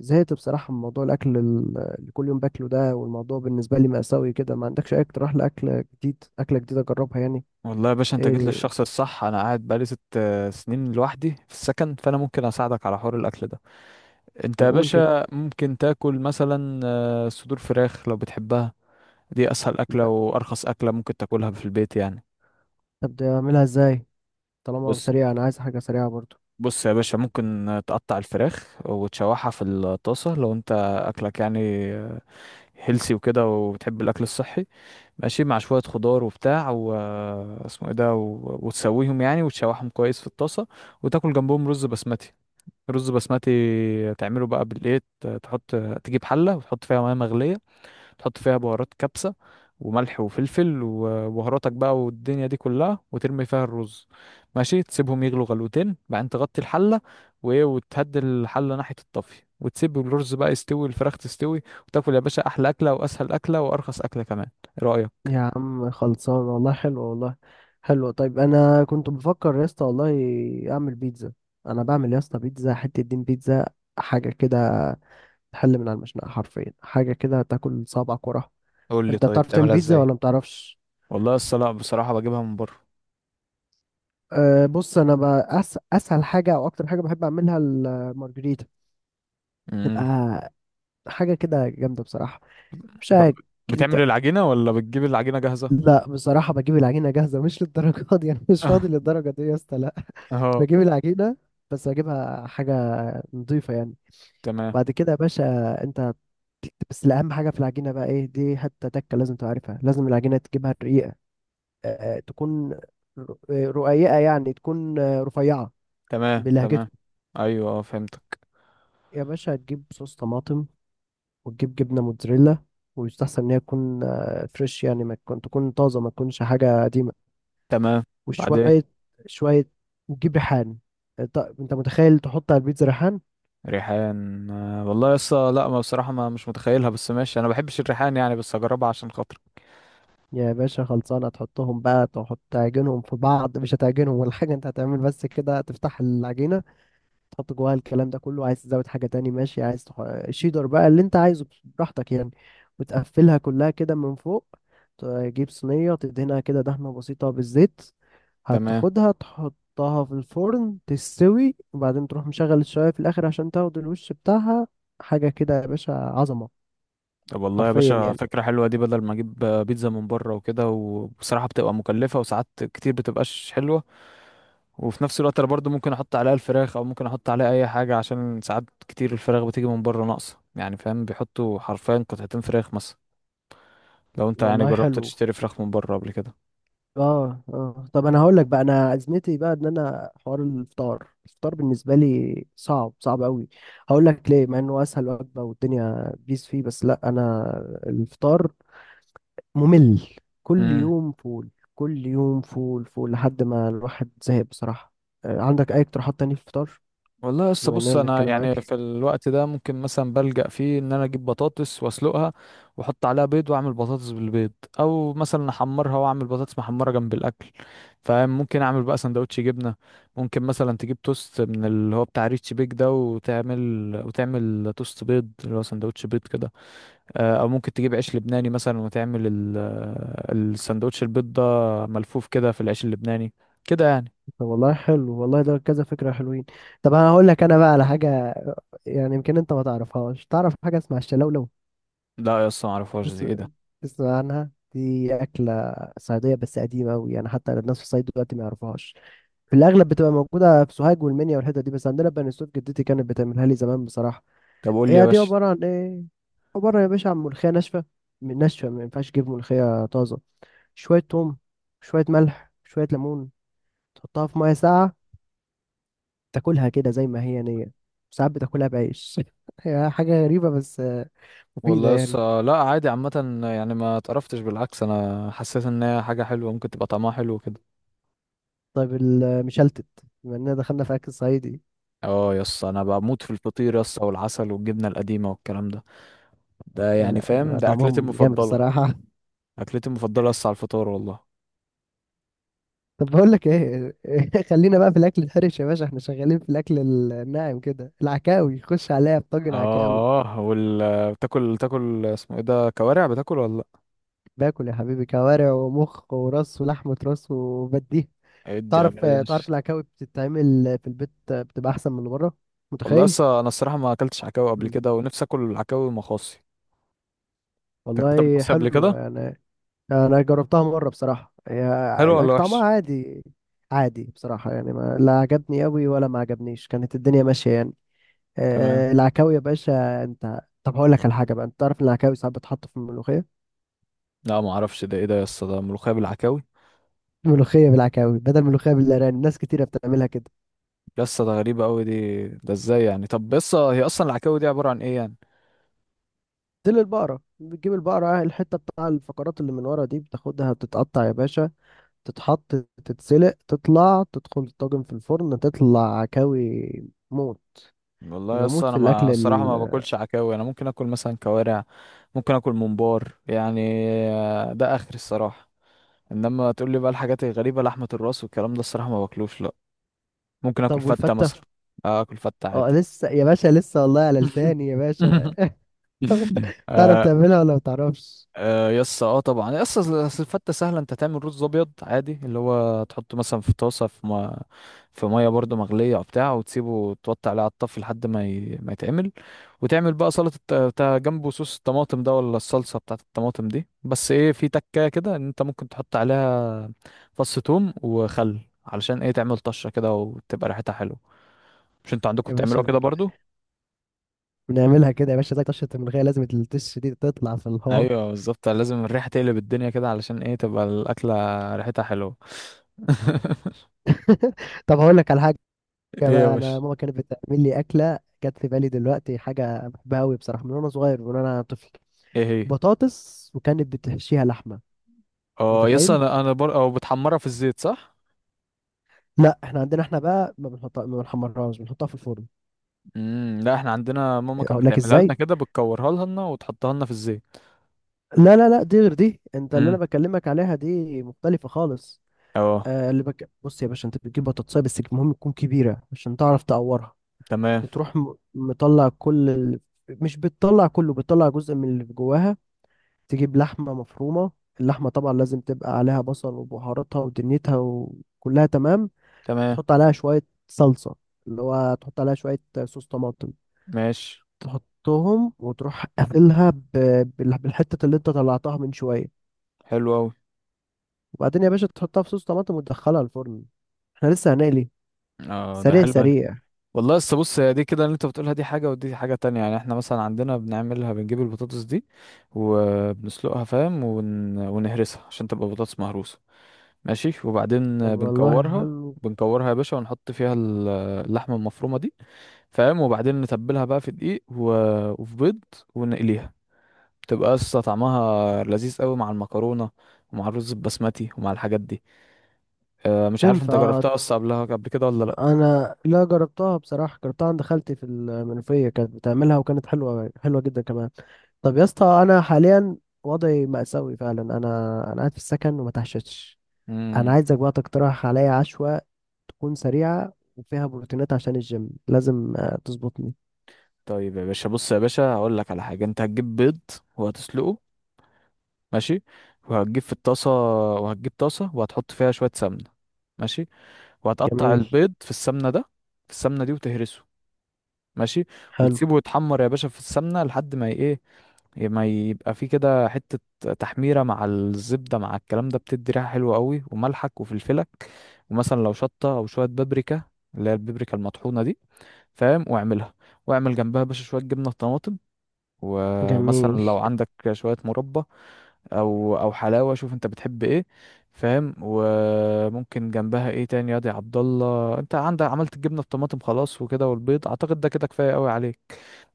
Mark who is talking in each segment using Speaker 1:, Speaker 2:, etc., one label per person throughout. Speaker 1: زهقت بصراحة من موضوع الأكل اللي كل يوم باكله ده، والموضوع بالنسبة لي مأساوي كده. ما عندكش أي اقتراح لأكل جديد، أكلة جديدة أجربها يعني؟
Speaker 2: والله يا باشا، انت جيت
Speaker 1: إيه؟
Speaker 2: للشخص الصح. انا قاعد بقالي ست سنين لوحدي في السكن، فانا ممكن اساعدك على حوار الاكل ده. انت
Speaker 1: طب
Speaker 2: يا
Speaker 1: قول كده.
Speaker 2: باشا ممكن تاكل مثلا صدور فراخ لو بتحبها. دي اسهل اكله وارخص اكله ممكن تاكلها في البيت يعني.
Speaker 1: طب ده أعملها إزاي؟ طالما
Speaker 2: بص
Speaker 1: سريعة أنا عايز حاجة سريعة برضو.
Speaker 2: بص يا باشا، ممكن تقطع الفراخ وتشوحها في الطاسه لو انت اكلك يعني هيلسي وكده وبتحب الاكل الصحي، ماشي مع شويه خضار وبتاع و آه، اسمه ايه ده و- وتسويهم يعني وتشوحهم كويس في الطاسه. وتاكل جنبهم رز بسمتي. رز بسمتي تعمله بقى بالايه، تحط. تجيب حله وتحط فيها ميه مغليه، تحط فيها بهارات كبسه وملح وفلفل وبهاراتك بقى والدنيا دي كلها، وترمي فيها الرز. ماشي، تسيبهم يغلوا غلوتين بعدين تغطي الحله، وايه، وتهدي الحله ناحيه الطفي وتسيب الرز بقى يستوي، الفراخ تستوي، وتاكل يا باشا احلى اكله واسهل اكله وارخص اكله كمان. ايه رايك؟
Speaker 1: يا عم خلصان والله، حلو والله. حلو طيب، أنا كنت بفكر يا اسطى والله أعمل بيتزا. أنا بعمل يا اسطى بيتزا، حتة دين بيتزا، حاجة كده تحل من على المشنقة حرفيا، حاجة كده تاكل صابعك وراها.
Speaker 2: قول لي
Speaker 1: أنت
Speaker 2: طيب،
Speaker 1: بتعرف تعمل
Speaker 2: بتعملها
Speaker 1: بيتزا
Speaker 2: ازاي؟
Speaker 1: ولا مبتعرفش؟
Speaker 2: والله الصلاة بصراحة بجيبها من بره.
Speaker 1: أه بص، انا بقى اسهل حاجه او اكتر حاجه بحب اعملها المارجريتا.
Speaker 2: امم.
Speaker 1: تبقى حاجه كده جامده بصراحه، مش
Speaker 2: طب،
Speaker 1: عارف. انت،
Speaker 2: بتعمل العجينة ولا بتجيب العجينة جاهزة؟
Speaker 1: لا بصراحه بجيب العجينه جاهزه مش للدرجه دي، انا مش فاضي للدرجه دي يا اسطى، لا.
Speaker 2: اه.
Speaker 1: بجيب العجينه، بس بجيبها حاجه نظيفه يعني.
Speaker 2: تمام
Speaker 1: بعد كده يا باشا، انت بس اهم حاجه في العجينه بقى ايه، دي حته تكه لازم تعرفها، لازم العجينه تجيبها رقيقه. أه تكون رقيقه يعني، تكون رفيعه
Speaker 2: تمام تمام.
Speaker 1: بلهجتكم.
Speaker 2: ايوه، اه، فهمتك.
Speaker 1: يا باشا تجيب صوص طماطم، وتجيب جبنة موتزاريلا، ويستحسن إن هي تكون فريش يعني، ما تكون طازة، ما تكونش حاجة قديمة.
Speaker 2: تمام. بعدين.
Speaker 1: وشوية شوية، وتجيب ريحان. أنت، متخيل تحط على البيتزا ريحان؟
Speaker 2: ريحان؟ والله يا اسطى لا، ما بصراحه ما مش متخيلها، بس ماشي، انا ما بحبش الريحان يعني، بس هجربها عشان خاطرك.
Speaker 1: يا باشا خلصانة، تحطهم بقى، تحط تعجنهم في بعض، مش هتعجنهم ولا حاجة، أنت هتعمل بس كده تفتح العجينة، تحط جواها الكلام ده كله. عايز تزود حاجة تاني ماشي، عايز شيدر بقى اللي انت عايزه براحتك يعني. وتقفلها كلها كده من فوق، تجيب صينية تدهنها كده دهنة بسيطة بالزيت،
Speaker 2: تمام.
Speaker 1: هتاخدها تحطها في الفرن تستوي، وبعدين تروح مشغل الشواية في الآخر عشان تاخد الوش بتاعها. حاجة كده يا باشا، عظمة.
Speaker 2: طب والله يا
Speaker 1: حرفيا
Speaker 2: باشا
Speaker 1: يعني.
Speaker 2: فكره حلوه دي، بدل ما اجيب بيتزا من بره وكده، وبصراحه بتبقى مكلفه وساعات كتير بتبقاش حلوه. وفي نفس الوقت انا برضو ممكن احط عليها الفراخ، او ممكن احط عليها اي حاجه، عشان ساعات كتير الفراخ بتيجي من بره ناقصه يعني، فاهم، بيحطوا حرفيا قطعتين فراخ مثلا. لو انت يعني
Speaker 1: والله
Speaker 2: جربت
Speaker 1: حلو.
Speaker 2: تشتري فراخ من بره قبل
Speaker 1: اه اه، طب انا هقول لك بقى انا ازمتي بقى، ان انا حوار الفطار، الفطار بالنسبه لي صعب، صعب قوي. هقول لك ليه، مع انه اسهل وجبه والدنيا بيس فيه، بس لا انا الفطار ممل. كل
Speaker 2: كده.
Speaker 1: يوم فول، كل يوم فول، فول لحد ما الواحد زهق بصراحه. عندك اي اقتراحات تانية في الفطار؟
Speaker 2: والله لسه
Speaker 1: بما اننا
Speaker 2: بص، انا
Speaker 1: بنتكلم
Speaker 2: يعني
Speaker 1: اكل.
Speaker 2: في الوقت ده ممكن مثلا بلجأ فيه ان انا اجيب بطاطس واسلقها، واحط عليها بيض واعمل بطاطس بالبيض، او مثلا احمرها واعمل بطاطس محمره جنب الاكل. فممكن اعمل بقى سندوتش جبنه. ممكن مثلا تجيب توست من اللي هو بتاع ريتش بيك ده وتعمل توست بيض اللي هو سندوتش بيض كده. او ممكن تجيب عيش لبناني مثلا وتعمل السندوتش البيض ده ملفوف كده في العيش اللبناني، كده يعني.
Speaker 1: طب والله حلو والله، ده كذا فكره حلوين. طب انا هقول لك انا بقى على حاجه، يعني يمكن انت ما تعرفهاش. تعرف حاجه اسمها الشلوله؟
Speaker 2: لا يا اسطى، معرفهاش، دي
Speaker 1: تسمع،
Speaker 2: ايه ده؟
Speaker 1: تسمع عنها؟ دي أكلة صعيدية بس قديمة أوي، يعني حتى الناس في الصعيد دلوقتي ما يعرفوهاش. في الأغلب بتبقى موجودة في سوهاج والمنيا والحتت دي، بس عندنا بني سويف جدتي كانت بتعملها لي زمان بصراحة.
Speaker 2: طب قول لي يا
Speaker 1: هي دي
Speaker 2: باشا.
Speaker 1: عبارة عن إيه؟ عبارة يا باشا عن ملوخية ناشفة، من ناشفة، ما ينفعش تجيب ملوخية طازة. شوية توم، شوية ملح، شوية ليمون، تحطها في مية ساقعة، تاكلها كده زي ما هي نية. ساعات بتاكلها بعيش هي حاجة غريبة بس مفيدة
Speaker 2: والله
Speaker 1: يعني.
Speaker 2: لسه لا، عادي عامة يعني، ما اتقرفتش، بالعكس انا حسيت ان هي حاجة حلوة، ممكن تبقى طعمها حلو كده.
Speaker 1: طيب المشلتت، بما إننا دخلنا في أكل صعيدي،
Speaker 2: اه، يس، انا بموت في الفطير يس، والعسل والجبنة القديمة والكلام ده، ده
Speaker 1: يا
Speaker 2: يعني
Speaker 1: لا
Speaker 2: فاهم،
Speaker 1: بيبقى
Speaker 2: ده اكلتي
Speaker 1: طعمهم جامد
Speaker 2: المفضلة.
Speaker 1: الصراحة.
Speaker 2: اكلتي المفضلة يس على الفطار والله.
Speaker 1: طب بقول لك ايه، خلينا بقى في الاكل الحرش يا باشا، احنا شغالين في الاكل الناعم كده. العكاوي، خش عليا بطاجن عكاوي.
Speaker 2: اه، بتاكل، تاكل اسمه ايه ده، كوارع، بتاكل ولا لا؟
Speaker 1: باكل يا حبيبي، كوارع ومخ وراس ولحمة راس وبديه.
Speaker 2: ادي يا
Speaker 1: تعرف،
Speaker 2: باشا.
Speaker 1: تعرف العكاوي بتتعمل في البيت بتبقى احسن من اللي بره؟
Speaker 2: والله
Speaker 1: متخيل؟
Speaker 2: لسه انا الصراحة ما اكلتش عكاوي قبل
Speaker 1: مم.
Speaker 2: كده، ونفسي اكل عكاوي مخاصي. أنت اكلت
Speaker 1: والله
Speaker 2: مخاصي قبل
Speaker 1: حلو
Speaker 2: كده؟
Speaker 1: يعني. انا جربتها مرة بصراحة،
Speaker 2: حلو
Speaker 1: يعني
Speaker 2: ولا
Speaker 1: طعمها
Speaker 2: وحش؟
Speaker 1: عادي. عادي بصراحة يعني، ما لا عجبني قوي ولا ما عجبنيش، كانت الدنيا ماشية يعني.
Speaker 2: تمام.
Speaker 1: العكاوي يا باشا، انت طب هقول لك على حاجه بقى، انت تعرف ان العكاوي ساعات بتحط في الملوخيه؟
Speaker 2: لا، ما اعرفش، ده ايه ده؟ يس، ده ملوخية بالعكاوي؟
Speaker 1: ملوخيه بالعكاوي بدل ملوخيه بالارانب، ناس كتيره بتعملها كده.
Speaker 2: يسا ده غريبة أوي دي، ده ازاي يعني؟ طب يسا، هي أصلا العكاوي دي عبارة عن ايه يعني؟
Speaker 1: تل البقره، بتجيب البقره الحته بتاع الفقرات اللي من ورا دي، بتاخدها بتتقطع يا باشا، تتحط، تتسلق، تطلع، تدخل الطاجن في الفرن، تطلع عكاوي موت.
Speaker 2: والله
Speaker 1: انا
Speaker 2: يسا،
Speaker 1: بموت في
Speaker 2: أنا
Speaker 1: الاكل
Speaker 2: ما الصراحة ما باكلش عكاوي. أنا ممكن أكل مثلا كوارع، ممكن أكل ممبار يعني، ده آخر الصراحة. إنما تقول لي بقى الحاجات الغريبة، لحمة الراس والكلام ده، الصراحة ما باكلوش لأ. ممكن أكل
Speaker 1: طب
Speaker 2: فتة
Speaker 1: والفته.
Speaker 2: مثلا. أكل فتة
Speaker 1: اه
Speaker 2: عادي.
Speaker 1: لسه يا باشا، لسه والله على لساني يا باشا. تعرف
Speaker 2: آه،
Speaker 1: تعملها ولا ما تعرفش؟
Speaker 2: آه، يس، اه طبعا يس. أصل الفتة سهلة، انت تعمل رز ابيض عادي اللي هو تحطه مثلا في طاسة، في ما في مية برضه مغلية وبتاع، وتسيبه توطي عليه على الطفي لحد ما ما يتعمل. وتعمل بقى سلطة بتاع جنبه، صوص الطماطم ده ولا الصلصة بتاعة الطماطم دي، بس ايه، في تكاية كده ان انت ممكن تحط عليها فص ثوم وخل، علشان ايه، تعمل طشة كده وتبقى ريحتها حلوة. مش انتوا عندكم
Speaker 1: يا
Speaker 2: بتعملوها كده
Speaker 1: باشا
Speaker 2: برضو؟
Speaker 1: بنعملها كده يا باشا، زي طشة الملوخية، لازم التش دي تطلع في الهار.
Speaker 2: ايوه بالظبط، لازم الريحة تقلب الدنيا كده علشان ايه، تبقى الأكلة ريحتها حلوة.
Speaker 1: طب هقول لك على حاجة
Speaker 2: ايه يا
Speaker 1: بقى، أنا
Speaker 2: باشا؟
Speaker 1: ماما كانت بتعمل لي أكلة جت في بالي دلوقتي، حاجة بحبها أوي بصراحة من وأنا صغير، من وأنا طفل.
Speaker 2: ايه هي؟
Speaker 1: بطاطس، وكانت بتحشيها لحمة.
Speaker 2: اه يس،
Speaker 1: متخيل؟
Speaker 2: انا او بتحمرها في الزيت، صح؟
Speaker 1: لا احنا عندنا، احنا بقى ما بنحطها، ما بنحمرهاش، بنحطها في الفرن.
Speaker 2: امم. لا، احنا عندنا ماما كانت
Speaker 1: اقول لك
Speaker 2: بتعملها
Speaker 1: ازاي.
Speaker 2: لنا كده، بتكورها لنا وتحطها لنا في الزيت.
Speaker 1: لا لا لا، دي غير دي، انت اللي انا
Speaker 2: امم.
Speaker 1: بكلمك عليها دي مختلفة خالص.
Speaker 2: اه.
Speaker 1: آه اللي بص يا باشا، انت بتجيب بطاطساية بس المهم تكون كبيرة عشان تعرف تقورها،
Speaker 2: تمام
Speaker 1: وتروح مطلع كل مش بتطلع كله، بتطلع جزء من اللي جواها. تجيب لحمة مفرومة، اللحمة طبعا لازم تبقى عليها بصل وبهاراتها ودنيتها وكلها تمام.
Speaker 2: تمام.
Speaker 1: تحط عليها شوية صلصة، اللي هو تحط عليها شوية صوص طماطم.
Speaker 2: ماشي.
Speaker 1: تحطهم وتروح قافلها بالحتة اللي انت طلعتها من شوية.
Speaker 2: حلو قوي.
Speaker 1: وبعدين يا باشا تحطها في صوص طماطم وتدخلها الفرن، احنا لسه هنقلي.
Speaker 2: اه، ده
Speaker 1: سريع
Speaker 2: حلو أوي.
Speaker 1: سريع.
Speaker 2: والله لسه بص، هي دي كده اللي انت بتقولها دي حاجه ودي حاجه تانية. يعني احنا مثلا عندنا بنعملها، بنجيب البطاطس دي وبنسلقها، فاهم، ونهرسها عشان تبقى بطاطس مهروسه. ماشي،
Speaker 1: طب
Speaker 2: وبعدين
Speaker 1: والله
Speaker 2: بنكورها.
Speaker 1: حلو.
Speaker 2: بنكورها يا باشا ونحط فيها اللحمه المفرومه دي، فاهم، وبعدين نتبلها بقى في دقيق وفي بيض، ونقليها. تبقى قصة، طعمها لذيذ قوي مع المكرونة ومع الرز البسمتي ومع الحاجات دي. أه مش عارف، انت
Speaker 1: تنفع.
Speaker 2: جربتها قصة قبلها قبل كده ولا لا؟
Speaker 1: انا لا جربتها بصراحه، جربتها عند خالتي في المنوفيه كانت بتعملها، وكانت حلوه، حلوه جدا كمان. طب يا اسطى انا حاليا وضعي مأساوي فعلا، انا انا قاعد في السكن وما تحشتش. انا
Speaker 2: امم.
Speaker 1: عايزك بقى تقترح عليا عشوه، تكون سريعه وفيها بروتينات عشان الجيم لازم تظبطني.
Speaker 2: طيب يا باشا، بص يا باشا، هقول لك على حاجة. انت هتجيب بيض وهتسلقه، ماشي، وهتجيب في الطاسة، وهتجيب طاسة وهتحط فيها شوية سمنة، ماشي، وهتقطع
Speaker 1: جميل.
Speaker 2: البيض في السمنة دي وتهرسه، ماشي،
Speaker 1: حلو.
Speaker 2: وتسيبه يتحمر يا باشا في السمنه لحد ما ايه، ما يبقى فيه كده حته تحميره، مع الزبده مع الكلام ده، بتدي ريحه حلوه قوي. وملحك وفلفلك، ومثلا لو شطه او شويه بابريكا، اللي هي البابريكا المطحونه دي، فاهم، واعملها، واعمل جنبها يا باشا شويه جبنه طماطم، ومثلا
Speaker 1: جميل.
Speaker 2: لو عندك شويه مربى او حلاوه، شوف انت بتحب ايه، فاهم، وممكن جنبها ايه تاني يا دي عبد الله؟ انت عندك عملت الجبنه بطماطم خلاص وكده، والبيض، اعتقد ده كده كفايه قوي عليك.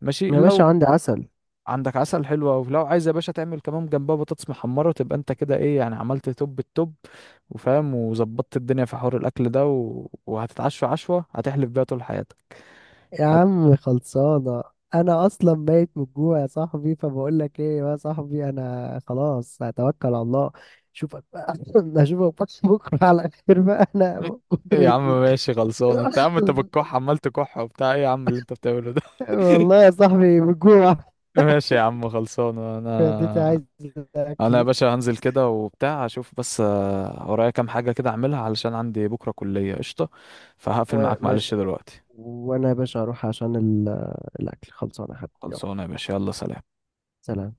Speaker 2: ماشي،
Speaker 1: يا باشا
Speaker 2: لو
Speaker 1: عندي عسل.
Speaker 2: عندك عسل، حلو أوي، لو عايز يا باشا تعمل كمان جنبها بطاطس محمره، تبقى انت كده ايه يعني، عملت توب التوب، وفاهم، وظبطت الدنيا في حوار الاكل ده، وهتتعشى عشوه هتحلف بيها طول حياتك.
Speaker 1: يا
Speaker 2: هت...
Speaker 1: عم خلصانة. أنا أصلا ميت من الجوع يا صاحبي، فبقول لك إيه يا صاحبي، أنا خلاص هتوكل على الله. أشوفك بقى أشوفك بقى بكرة على خير بقى، أنا
Speaker 2: م-
Speaker 1: من كتر
Speaker 2: يا عم ماشي خلصانه. انت يا عم، انت بتكح عمال تكح وبتاع، ايه يا عم اللي انت بتعمله ده؟
Speaker 1: والله يا صاحبي من الجوع.
Speaker 2: ماشي يا عم خلصانة.
Speaker 1: اديتي
Speaker 2: انا،
Speaker 1: عايز
Speaker 2: انا يا
Speaker 1: أكل.
Speaker 2: باشا هنزل كده وبتاع، اشوف بس ورايا كام حاجة كده اعملها، علشان عندي بكرة كلية قشطة، فهقفل معاك،
Speaker 1: ماشي
Speaker 2: معلش
Speaker 1: يا حبيبي.
Speaker 2: دلوقتي.
Speaker 1: وأنا يا باشا هروح عشان الأكل خلصانة يا حبيبي، يلا.
Speaker 2: خلصانة يا باشا، يلا سلام.
Speaker 1: سلام.